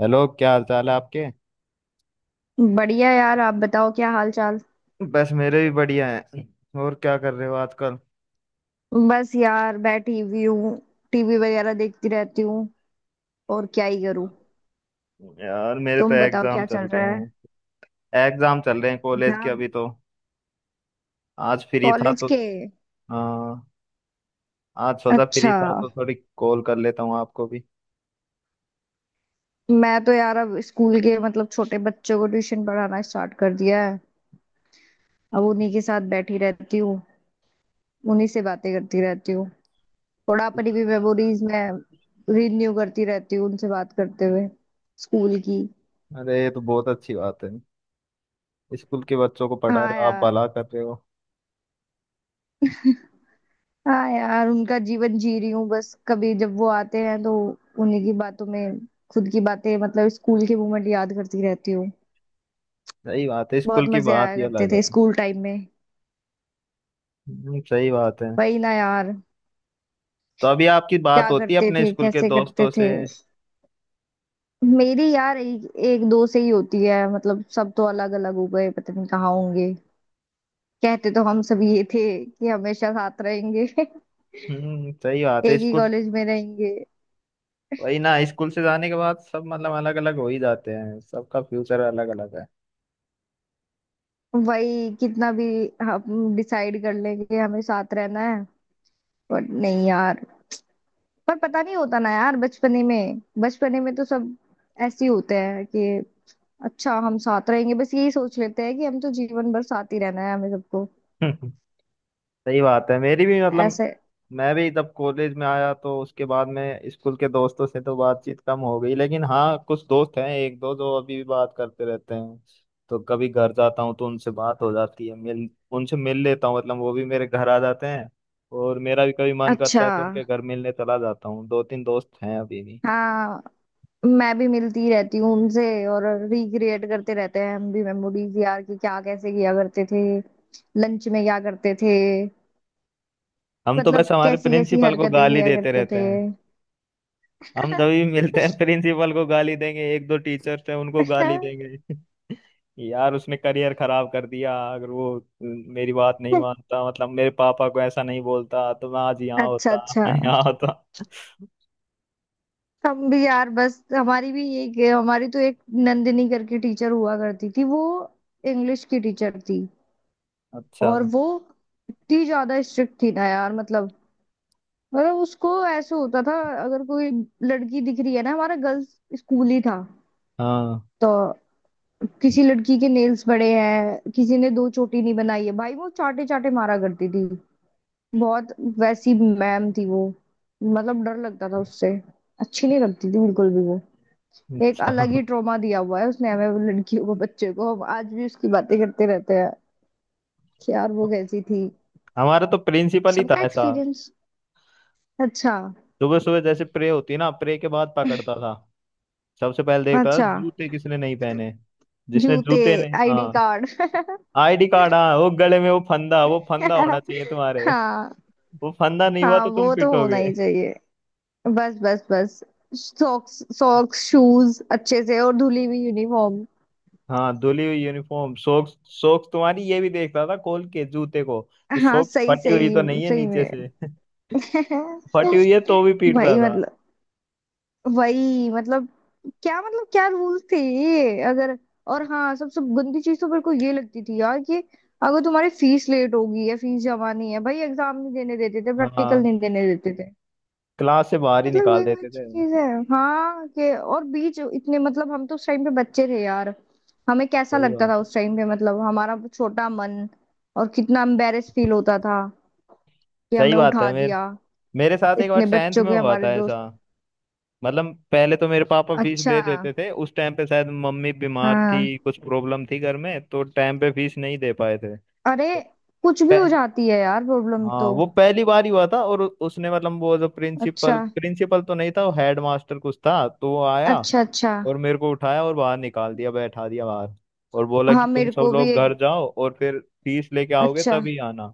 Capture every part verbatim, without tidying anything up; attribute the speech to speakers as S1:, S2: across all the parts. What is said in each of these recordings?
S1: Hello क्या हाल चाल है आपके।
S2: बढ़िया यार। आप बताओ क्या हाल चाल।
S1: बस मेरे भी बढ़िया है। और क्या कर रहे हो आजकल।
S2: बस यार बैठी हुई हूँ। टीवी वगैरह देखती रहती हूँ। और क्या ही करूँ।
S1: यार मेरे तो
S2: तुम बताओ
S1: एग्जाम
S2: क्या चल
S1: चल रहे
S2: रहा है।
S1: हैं। एग्जाम चल रहे हैं कॉलेज के
S2: एग्जाम
S1: अभी तो। आज फ्री था
S2: कॉलेज
S1: तो।
S2: के।
S1: हाँ। आज सोचा फ्री
S2: अच्छा
S1: था तो थोड़ी कॉल कर लेता हूँ आपको भी।
S2: मैं तो यार अब स्कूल के मतलब छोटे बच्चों को ट्यूशन पढ़ाना स्टार्ट कर दिया है। अब उन्हीं के साथ बैठी रहती हूँ। उन्हीं से बातें करती रहती हूँ। थोड़ा अपनी भी मेमोरीज में रिन्यू करती रहती हूँ उनसे बात करते हुए, स्कूल की।
S1: अरे ये तो बहुत अच्छी बात है। स्कूल के बच्चों को पढ़ा
S2: हाँ
S1: रहे हो, आप
S2: यार।
S1: भला कर रहे हो।
S2: हाँ यार उनका जीवन जी रही हूँ बस, कभी जब वो आते हैं तो उन्हीं की बातों में खुद की बातें मतलब स्कूल के मोमेंट याद करती रहती हूँ।
S1: सही बात है,
S2: बहुत
S1: स्कूल की
S2: मजे
S1: बात
S2: आया
S1: ही
S2: करते
S1: अलग
S2: थे
S1: है।
S2: स्कूल टाइम में।
S1: हम्म, सही बात है।
S2: वही ना यार।
S1: तो अभी आपकी बात
S2: क्या
S1: होती है
S2: करते
S1: अपने
S2: थे,
S1: स्कूल के
S2: कैसे करते
S1: दोस्तों
S2: थे।
S1: से।
S2: मेरी यार एक, एक दो से ही होती है, मतलब सब तो अलग अलग हो गए, पता नहीं कहाँ होंगे। कहते तो हम सब ये थे कि हमेशा साथ रहेंगे
S1: हम्म, सही बात है।
S2: एक ही
S1: स्कूल।
S2: कॉलेज में रहेंगे।
S1: वही ना, स्कूल से जाने के बाद सब मतलब अलग अलग हो ही जाते हैं, सबका फ्यूचर अलग अलग है।
S2: वही कितना भी हम डिसाइड कर लेंगे हमें साथ रहना है, पर नहीं यार। पर पता नहीं होता ना यार, बचपने में बचपने में तो सब ऐसे ही होते हैं कि अच्छा हम साथ रहेंगे। बस यही सोच लेते हैं कि हम तो जीवन भर साथ ही रहना है हमें सबको
S1: सही बात है, मेरी भी मतलब।
S2: ऐसे।
S1: मैं भी जब कॉलेज में आया तो उसके बाद में स्कूल के दोस्तों से तो बातचीत कम हो गई, लेकिन हाँ कुछ दोस्त हैं, एक दो जो अभी भी बात करते रहते हैं। तो कभी घर जाता हूँ तो उनसे बात हो जाती है, मिल। उनसे मिल लेता हूँ, मतलब वो भी मेरे घर आ जाते हैं। और मेरा भी कभी मन करता
S2: अच्छा।
S1: है तो उनके घर मिलने चला जाता हूँ। दो तीन दोस्त हैं अभी भी।
S2: हाँ, मैं भी मिलती रहती हूँ उनसे। और रिक्रिएट करते रहते हैं हम भी मेमोरीज यार, कि क्या कैसे किया करते थे, लंच में क्या करते थे,
S1: हम तो
S2: मतलब
S1: बस हमारे
S2: कैसी कैसी
S1: प्रिंसिपल को
S2: हरकतें
S1: गाली
S2: किया
S1: देते
S2: करते थे।
S1: रहते। हम तभी मिलते हैं, प्रिंसिपल को गाली देंगे, एक दो टीचर्स हैं उनको गाली देंगे। यार उसने करियर खराब कर दिया। अगर वो मेरी बात नहीं मानता, मतलब मेरे पापा को ऐसा नहीं बोलता, तो मैं आज यहाँ
S2: अच्छा
S1: होता।
S2: अच्छा।
S1: मैं यहाँ होता।
S2: हम भी यार बस, हमारी भी यही, हमारी तो एक नंदिनी करके टीचर हुआ करती थी वो। इंग्लिश की टीचर थी।
S1: अच्छा।
S2: और वो इतनी ज्यादा स्ट्रिक्ट थी ना यार मतलब। मतलब उसको ऐसे होता था, अगर कोई लड़की दिख रही है ना, हमारा गर्ल्स स्कूल ही था
S1: हाँ।
S2: तो, किसी लड़की के नेल्स बड़े हैं, किसी ने दो चोटी नहीं बनाई है, भाई वो चाटे चाटे मारा करती थी बहुत। वैसी मैम थी वो। मतलब डर लगता था उससे। अच्छी नहीं लगती थी बिल्कुल भी वो। एक
S1: अच्छा।
S2: अलग ही ट्रॉमा दिया हुआ है उसने हमें, वो लड़कियों को, बच्चे को, हम आज भी उसकी बातें करते रहते हैं कि यार वो कैसी थी।
S1: हमारा तो प्रिंसिपल ही था
S2: सबका
S1: ऐसा।
S2: एक्सपीरियंस। अच्छा
S1: सुबह सुबह जैसे प्रे होती ना, प्रे के बाद पकड़ता था। सबसे पहले देखता था
S2: अच्छा।
S1: जूते किसने नहीं पहने। जिसने
S2: जूते,
S1: जूते ने,
S2: आईडी
S1: हाँ।
S2: कार्ड।
S1: आईडी कार्ड, हाँ वो गले में वो फंदा, वो फंदा होना चाहिए तुम्हारे।
S2: हाँ।
S1: वो फंदा नहीं हुआ
S2: हाँ
S1: तो तुम
S2: वो तो होना
S1: पिटोगे।
S2: ही चाहिए। बस बस बस, सॉक्स सॉक्स शूज अच्छे से और धुली हुई यूनिफॉर्म।
S1: हाँ, धुली हुई यूनिफॉर्म, सोक्स। सोक्स तुम्हारी ये भी देखता था, खोल के जूते को, कि
S2: हाँ
S1: सोक्स
S2: सही
S1: फटी हुई तो
S2: सही।
S1: नहीं है
S2: सही
S1: नीचे
S2: में।
S1: से। फटी हुई है तो भी पीटता
S2: भाई
S1: था।
S2: मतलब वही, मतलब क्या, मतलब क्या रूल थे ये अगर। और हाँ, सबसे गंदी चीज तो मेरे को ये लगती थी यार कि अगर तुम्हारी फीस लेट होगी या फीस जमा नहीं है, भाई एग्जाम नहीं देने देते थे,
S1: हाँ।
S2: प्रैक्टिकल नहीं देने देते थे।
S1: क्लास से बाहर ही
S2: मतलब
S1: निकाल
S2: ये कोई
S1: देते थे।
S2: अच्छी चीज है। हाँ के और बीच इतने, मतलब हम तो उस टाइम पे बच्चे थे यार, हमें कैसा
S1: सही
S2: लगता
S1: बात
S2: था
S1: है।
S2: उस टाइम पे, मतलब हमारा छोटा मन। और कितना एम्बेरेस फील होता था कि
S1: सही
S2: हमें
S1: बात है।
S2: उठा
S1: मेरे
S2: दिया
S1: मेरे साथ एक बार
S2: इतने
S1: टेंथ
S2: बच्चों
S1: में
S2: के,
S1: हुआ
S2: हमारे
S1: था
S2: दोस्त।
S1: ऐसा। मतलब पहले तो मेरे पापा फीस दे
S2: अच्छा।
S1: देते थे, उस टाइम पे शायद मम्मी बीमार थी,
S2: हाँ।
S1: कुछ प्रॉब्लम थी घर में, तो टाइम पे फीस नहीं दे पाए
S2: अरे कुछ भी
S1: थे।
S2: हो जाती है यार प्रॉब्लम
S1: हाँ,
S2: तो।
S1: वो पहली बार ही हुआ था। और उ- उसने मतलब वो जो
S2: अच्छा
S1: प्रिंसिपल, प्रिंसिपल तो नहीं था, वो हेड मास्टर कुछ था, तो वो आया।
S2: अच्छा। अच्छा।
S1: और मेरे को उठाया और बाहर निकाल दिया, बैठा दिया बाहर। और बोला
S2: हाँ
S1: कि तुम
S2: मेरे
S1: सब
S2: को भी
S1: लोग
S2: एक।
S1: घर जाओ और फिर फीस लेके आओगे
S2: अच्छा।
S1: तभी आना।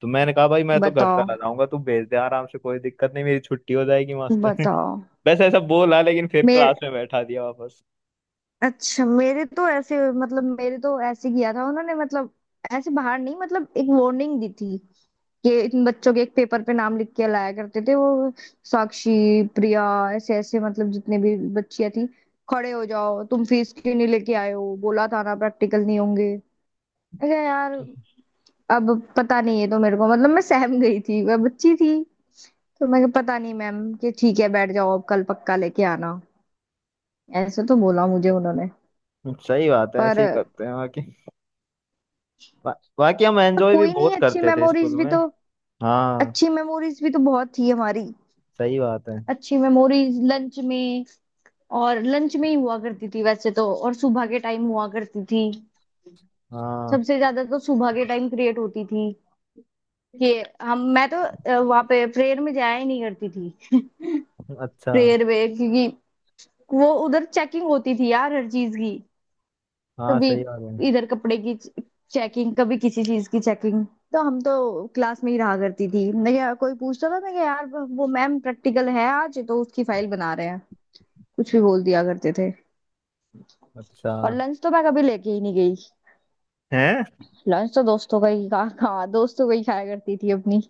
S1: तो मैंने कहा, भाई मैं तो घर
S2: बताओ
S1: चला जाऊंगा, तू भेज दे आराम से, कोई दिक्कत नहीं, मेरी छुट्टी हो जाएगी, मास्टर।
S2: बताओ।
S1: बस ऐसा बोला, लेकिन फिर क्लास
S2: मेरे,
S1: में बैठा दिया वापस।
S2: अच्छा मेरे तो ऐसे, मतलब मेरे तो ऐसे किया था उन्होंने, मतलब ऐसे बाहर नहीं, मतलब एक वार्निंग दी थी कि इन बच्चों के एक पेपर पे नाम लिख के लाया करते थे वो। साक्षी, प्रिया, ऐसे ऐसे मतलब जितने भी बच्चियां थी, खड़े हो जाओ तुम फीस क्यों नहीं लेके आए हो, बोला था ना प्रैक्टिकल नहीं होंगे। अरे यार अब पता नहीं है तो, मेरे को मतलब मैं सहम गई थी, मैं बच्ची थी। तो मैं कहा, पता नहीं मैम, कि ठीक है बैठ जाओ अब कल पक्का लेके आना। ऐसे तो बोला मुझे उन्होंने।
S1: सही बात है, ऐसे ही
S2: पर,
S1: करते हैं। बाकी बा, बाकी हम
S2: पर
S1: एंजॉय भी
S2: कोई नहीं
S1: बहुत
S2: अच्छी
S1: करते थे स्कूल
S2: मेमोरीज भी
S1: में।
S2: तो,
S1: हाँ।
S2: अच्छी मेमोरीज भी तो बहुत थी हमारी।
S1: सही बात है।
S2: अच्छी मेमोरीज लंच में। और लंच में ही हुआ करती थी वैसे तो, और सुबह के टाइम हुआ करती थी।
S1: हाँ।
S2: सबसे ज्यादा तो सुबह के टाइम क्रिएट होती थी कि हम, मैं तो वहां पे प्रेयर में जाया ही नहीं करती थी।
S1: अच्छा।
S2: प्रेयर में क्योंकि वो उधर चेकिंग होती थी यार हर चीज की।
S1: हाँ।
S2: कभी
S1: सही बात है।
S2: इधर कपड़े की चेकिंग, कभी किसी चीज की चेकिंग। तो हम तो क्लास में ही रहा करती थी। मैं क्या, कोई पूछता था मैं क्या यार, वो मैम प्रैक्टिकल है आज तो उसकी फाइल बना रहे हैं, कुछ भी बोल दिया करते थे।
S1: अच्छा।
S2: और लंच तो मैं कभी लेके ही नहीं गई।
S1: हैं।
S2: लंच तो दोस्तों का ही खा खा दोस्तों का ही खाया करती थी अपनी।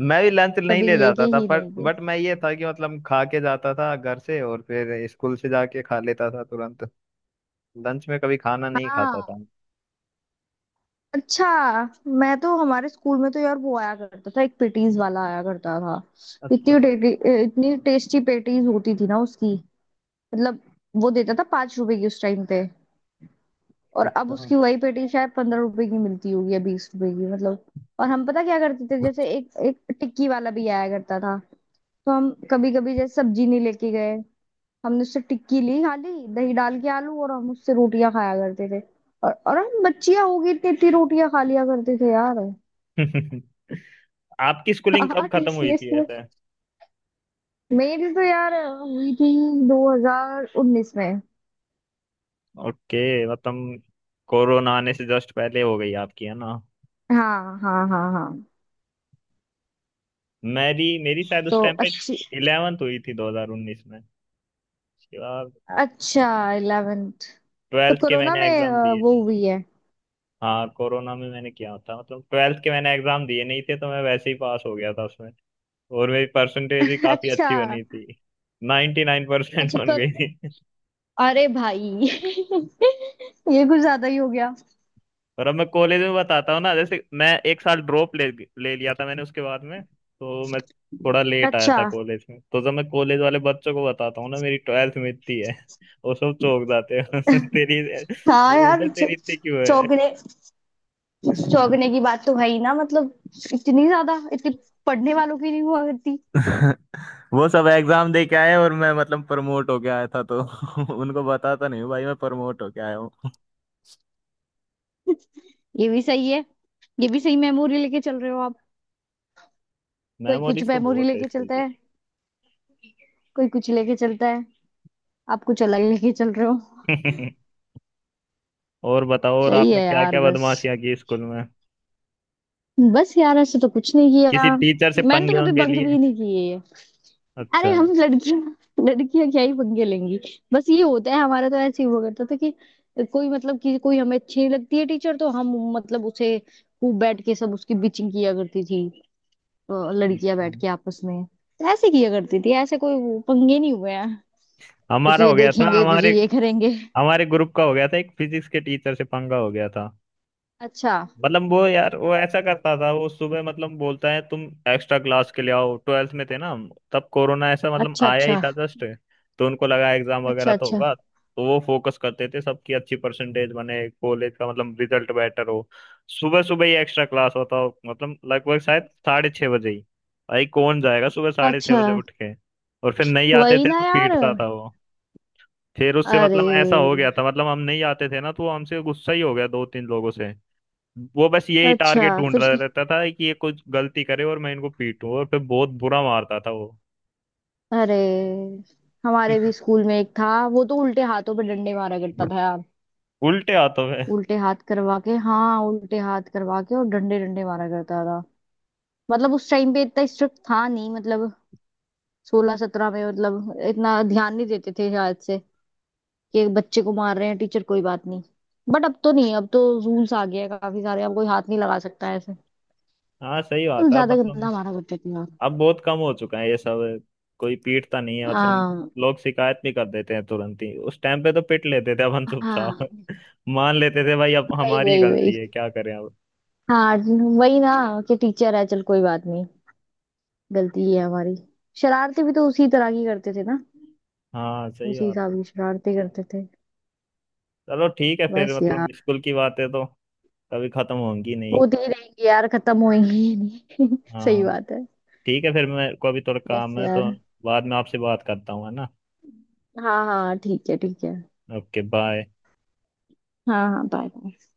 S1: मैं भी लंच नहीं
S2: कभी
S1: ले
S2: लेके
S1: जाता था,
S2: ही
S1: पर
S2: नहीं गई।
S1: बट मैं ये था कि मतलब खा के जाता था घर से, और फिर स्कूल से जाके खा लेता था तुरंत। लंच में कभी खाना नहीं खाता
S2: हाँ।
S1: था।
S2: अच्छा मैं तो, हमारे स्कूल में तो यार वो आया करता था, एक पेटीज वाला आया करता था। इतनी
S1: अच्छा।
S2: टे- इतनी टेस्टी पेटीज होती थी ना उसकी, मतलब। वो देता था पांच रुपए की उस टाइम पे। और अब
S1: अच्छा।
S2: उसकी वही पेटी शायद पंद्रह रुपए की मिलती होगी या बीस रुपए की, मतलब। और हम पता क्या करते थे, जैसे एक एक टिक्की वाला भी आया करता था, तो हम कभी कभी जैसे सब्जी नहीं लेके गए, हमने उससे टिक्की ली खाली दही डाल के आलू, और हम उससे रोटियां खाया करते थे। और और हम बच्चियां होगी, इतनी इतनी रोटियां खा लिया करते थे यार।
S1: आपकी स्कूलिंग
S2: हाँ
S1: कब खत्म हुई
S2: टीसीएस
S1: थी
S2: में।
S1: ऐसे।
S2: मेरी तो यार हुई थी दो हज़ार उन्नीस में।
S1: ओके। मतलब कोरोना आने से जस्ट पहले हो गई आपकी, है ना।
S2: हाँ हाँ हाँ हाँ।
S1: मेरी, मेरी शायद उस
S2: तो
S1: टाइम पे
S2: अच्छी।
S1: इलेवेंथ हुई थी दो हज़ार उन्नीस में। उसके बाद
S2: अच्छा इलेवेंथ, तो
S1: ट्वेल्थ के
S2: कोरोना
S1: मैंने
S2: में
S1: एग्जाम
S2: अ,
S1: दिए।
S2: वो हुई है।
S1: हाँ, कोरोना में मैंने किया था, मतलब ट्वेल्थ के मैंने एग्जाम दिए नहीं थे, तो मैं वैसे ही पास हो गया था उसमें। और मेरी परसेंटेज भी काफी अच्छी
S2: अच्छा
S1: बनी थी, नाइंटी नाइन परसेंट
S2: अच्छा
S1: बन
S2: कर,
S1: गई थी।
S2: अरे भाई ये कुछ ज्यादा ही हो गया।
S1: और अब मैं कॉलेज में बताता हूँ ना, जैसे मैं एक साल ड्रॉप ले ले लिया था मैंने, उसके बाद में तो मैं थोड़ा लेट आया
S2: अच्छा।
S1: था कॉलेज में, तो जब मैं कॉलेज वाले बच्चों को बताता हूँ ना मेरी ट्वेल्थ में इतनी है, वो सब चौंक जाते हैं। तेरी,
S2: हाँ
S1: वो बोलते
S2: यार,
S1: हैं,
S2: चौ-
S1: तेरी इतनी क्यों है।
S2: चौंकने चौंकने की बात तो है ही ना, मतलब इतनी ज्यादा, इतनी पढ़ने वालों की नहीं हुआ करती।
S1: वो सब एग्जाम दे के आए, और मैं मतलब प्रमोट होके आया था, तो उनको बताता नहीं हूँ भाई मैं प्रमोट होके आया हूँ।
S2: ये भी सही है। ये भी सही मेमोरी लेके चल रहे हो। कोई कुछ
S1: मेमोरीज तो
S2: मेमोरी
S1: बहुत है
S2: लेके
S1: स्कूल
S2: चलता है, कोई कुछ लेके चलता है, आप कुछ अलग लेके चल रहे हो।
S1: की। और बताओ, और
S2: सही
S1: आपने
S2: है
S1: क्या
S2: यार।
S1: क्या
S2: बस
S1: बदमाशियां की स्कूल में।
S2: बस यार, ऐसे तो कुछ नहीं किया।
S1: किसी टीचर से
S2: मैंने तो
S1: पंगे
S2: कभी
S1: वंगे
S2: बंक
S1: लिए।
S2: भी नहीं किए है। अरे
S1: अच्छा।
S2: हम लड़कियां, लड़कियां क्या ही पंगे लेंगी। बस ये होता है हमारा, तो ऐसे ही हुआ करता था कि कोई, मतलब कि कोई हमें अच्छी नहीं लगती है टीचर तो हम मतलब उसे खूब बैठ के सब उसकी बिचिंग किया करती थी। अ, लड़कियां बैठ के आपस में, तो ऐसे किया करती थी, ऐसे कोई वो पंगे नहीं हुए हैं कि
S1: हमारा
S2: तुझे
S1: हो गया था,
S2: देखेंगे तुझे
S1: हमारे,
S2: ये करेंगे।
S1: हमारे ग्रुप का हो गया था, एक फिजिक्स के टीचर से पंगा हो गया था।
S2: अच्छा
S1: मतलब वो यार वो ऐसा करता था, वो सुबह मतलब बोलता है, तुम एक्स्ट्रा क्लास के लिए आओ। ट्वेल्थ में थे ना हम तब, कोरोना ऐसा मतलब
S2: अच्छा।
S1: आया ही
S2: अच्छा
S1: था जस्ट। तो उनको लगा एग्जाम वगैरह
S2: अच्छा।
S1: तो
S2: अच्छा
S1: होगा, तो वो फोकस करते थे सबकी अच्छी परसेंटेज बने, कॉलेज का मतलब रिजल्ट बेटर हो। सुबह सुबह ही एक्स्ट्रा क्लास होता हो, मतलब लगभग शायद साढ़े छः बजे ही। भाई कौन जाएगा सुबह साढ़े छः
S2: अच्छा।
S1: बजे उठ के। और फिर नहीं आते
S2: वही
S1: थे
S2: ना
S1: तो
S2: यार।
S1: पीटता था वो। फिर उससे
S2: अरे,
S1: मतलब ऐसा हो गया था, मतलब हम नहीं आते थे ना, तो वो हमसे गुस्सा ही हो गया दो तीन लोगों से। वो बस यही
S2: अच्छा
S1: टारगेट ढूंढ
S2: फिर।
S1: रहा रहता था कि ये कुछ गलती करे और मैं इनको पीटूं, और फिर बहुत बुरा मारता था वो।
S2: अरे हमारे भी स्कूल में एक था, वो तो उल्टे हाथों पे डंडे मारा करता था यार।
S1: उल्टे हाथों में।
S2: उल्टे हाथ करवा के, हाँ उल्टे हाथ करवा के और डंडे डंडे मारा करता था। मतलब उस टाइम पे इतना स्ट्रिक्ट था नहीं मतलब, सोलह सत्रह में मतलब इतना ध्यान नहीं देते थे शायद से, कि एक बच्चे को मार रहे हैं टीचर कोई बात नहीं। बट अब तो नहीं, अब तो रूल्स आ गया है काफी सारे, अब कोई हाथ नहीं लगा सकता है।
S1: हाँ, सही
S2: तुम
S1: बात है,
S2: ज्यादा
S1: मतलब
S2: गंदा मारा करते थे यार।
S1: अब बहुत कम हो चुका है ये सब। कोई पीटता नहीं है, मतलब
S2: आ,
S1: लोग शिकायत भी कर देते हैं तुरंत ही। उस टाइम पे तो पिट लेते थे, अब हम
S2: हाँ।
S1: चुपचाप। मान लेते थे, भाई अब
S2: वही
S1: हमारी
S2: वही वही।
S1: गलती है, क्या करें अब।
S2: हाँ वही ना, कि टीचर है चल कोई बात नहीं, गलती ही है हमारी। शरारतें भी तो उसी तरह की करते थे ना,
S1: हाँ, सही
S2: उसी
S1: बात
S2: हिसाब
S1: है।
S2: की शरारतें करते थे।
S1: चलो ठीक है फिर,
S2: बस यार,
S1: मतलब स्कूल की बातें तो कभी खत्म होंगी नहीं।
S2: होती ही रहेंगी यार, खत्म होएंगी ही नहीं। सही
S1: हाँ,
S2: बात है।
S1: ठीक है फिर, मेरे को अभी थोड़ा
S2: बस
S1: काम है, तो
S2: यार।
S1: बाद में आपसे बात करता हूँ, है ना।
S2: हाँ हाँ ठीक है ठीक है।
S1: Okay, bye.
S2: हाँ हाँ बाय।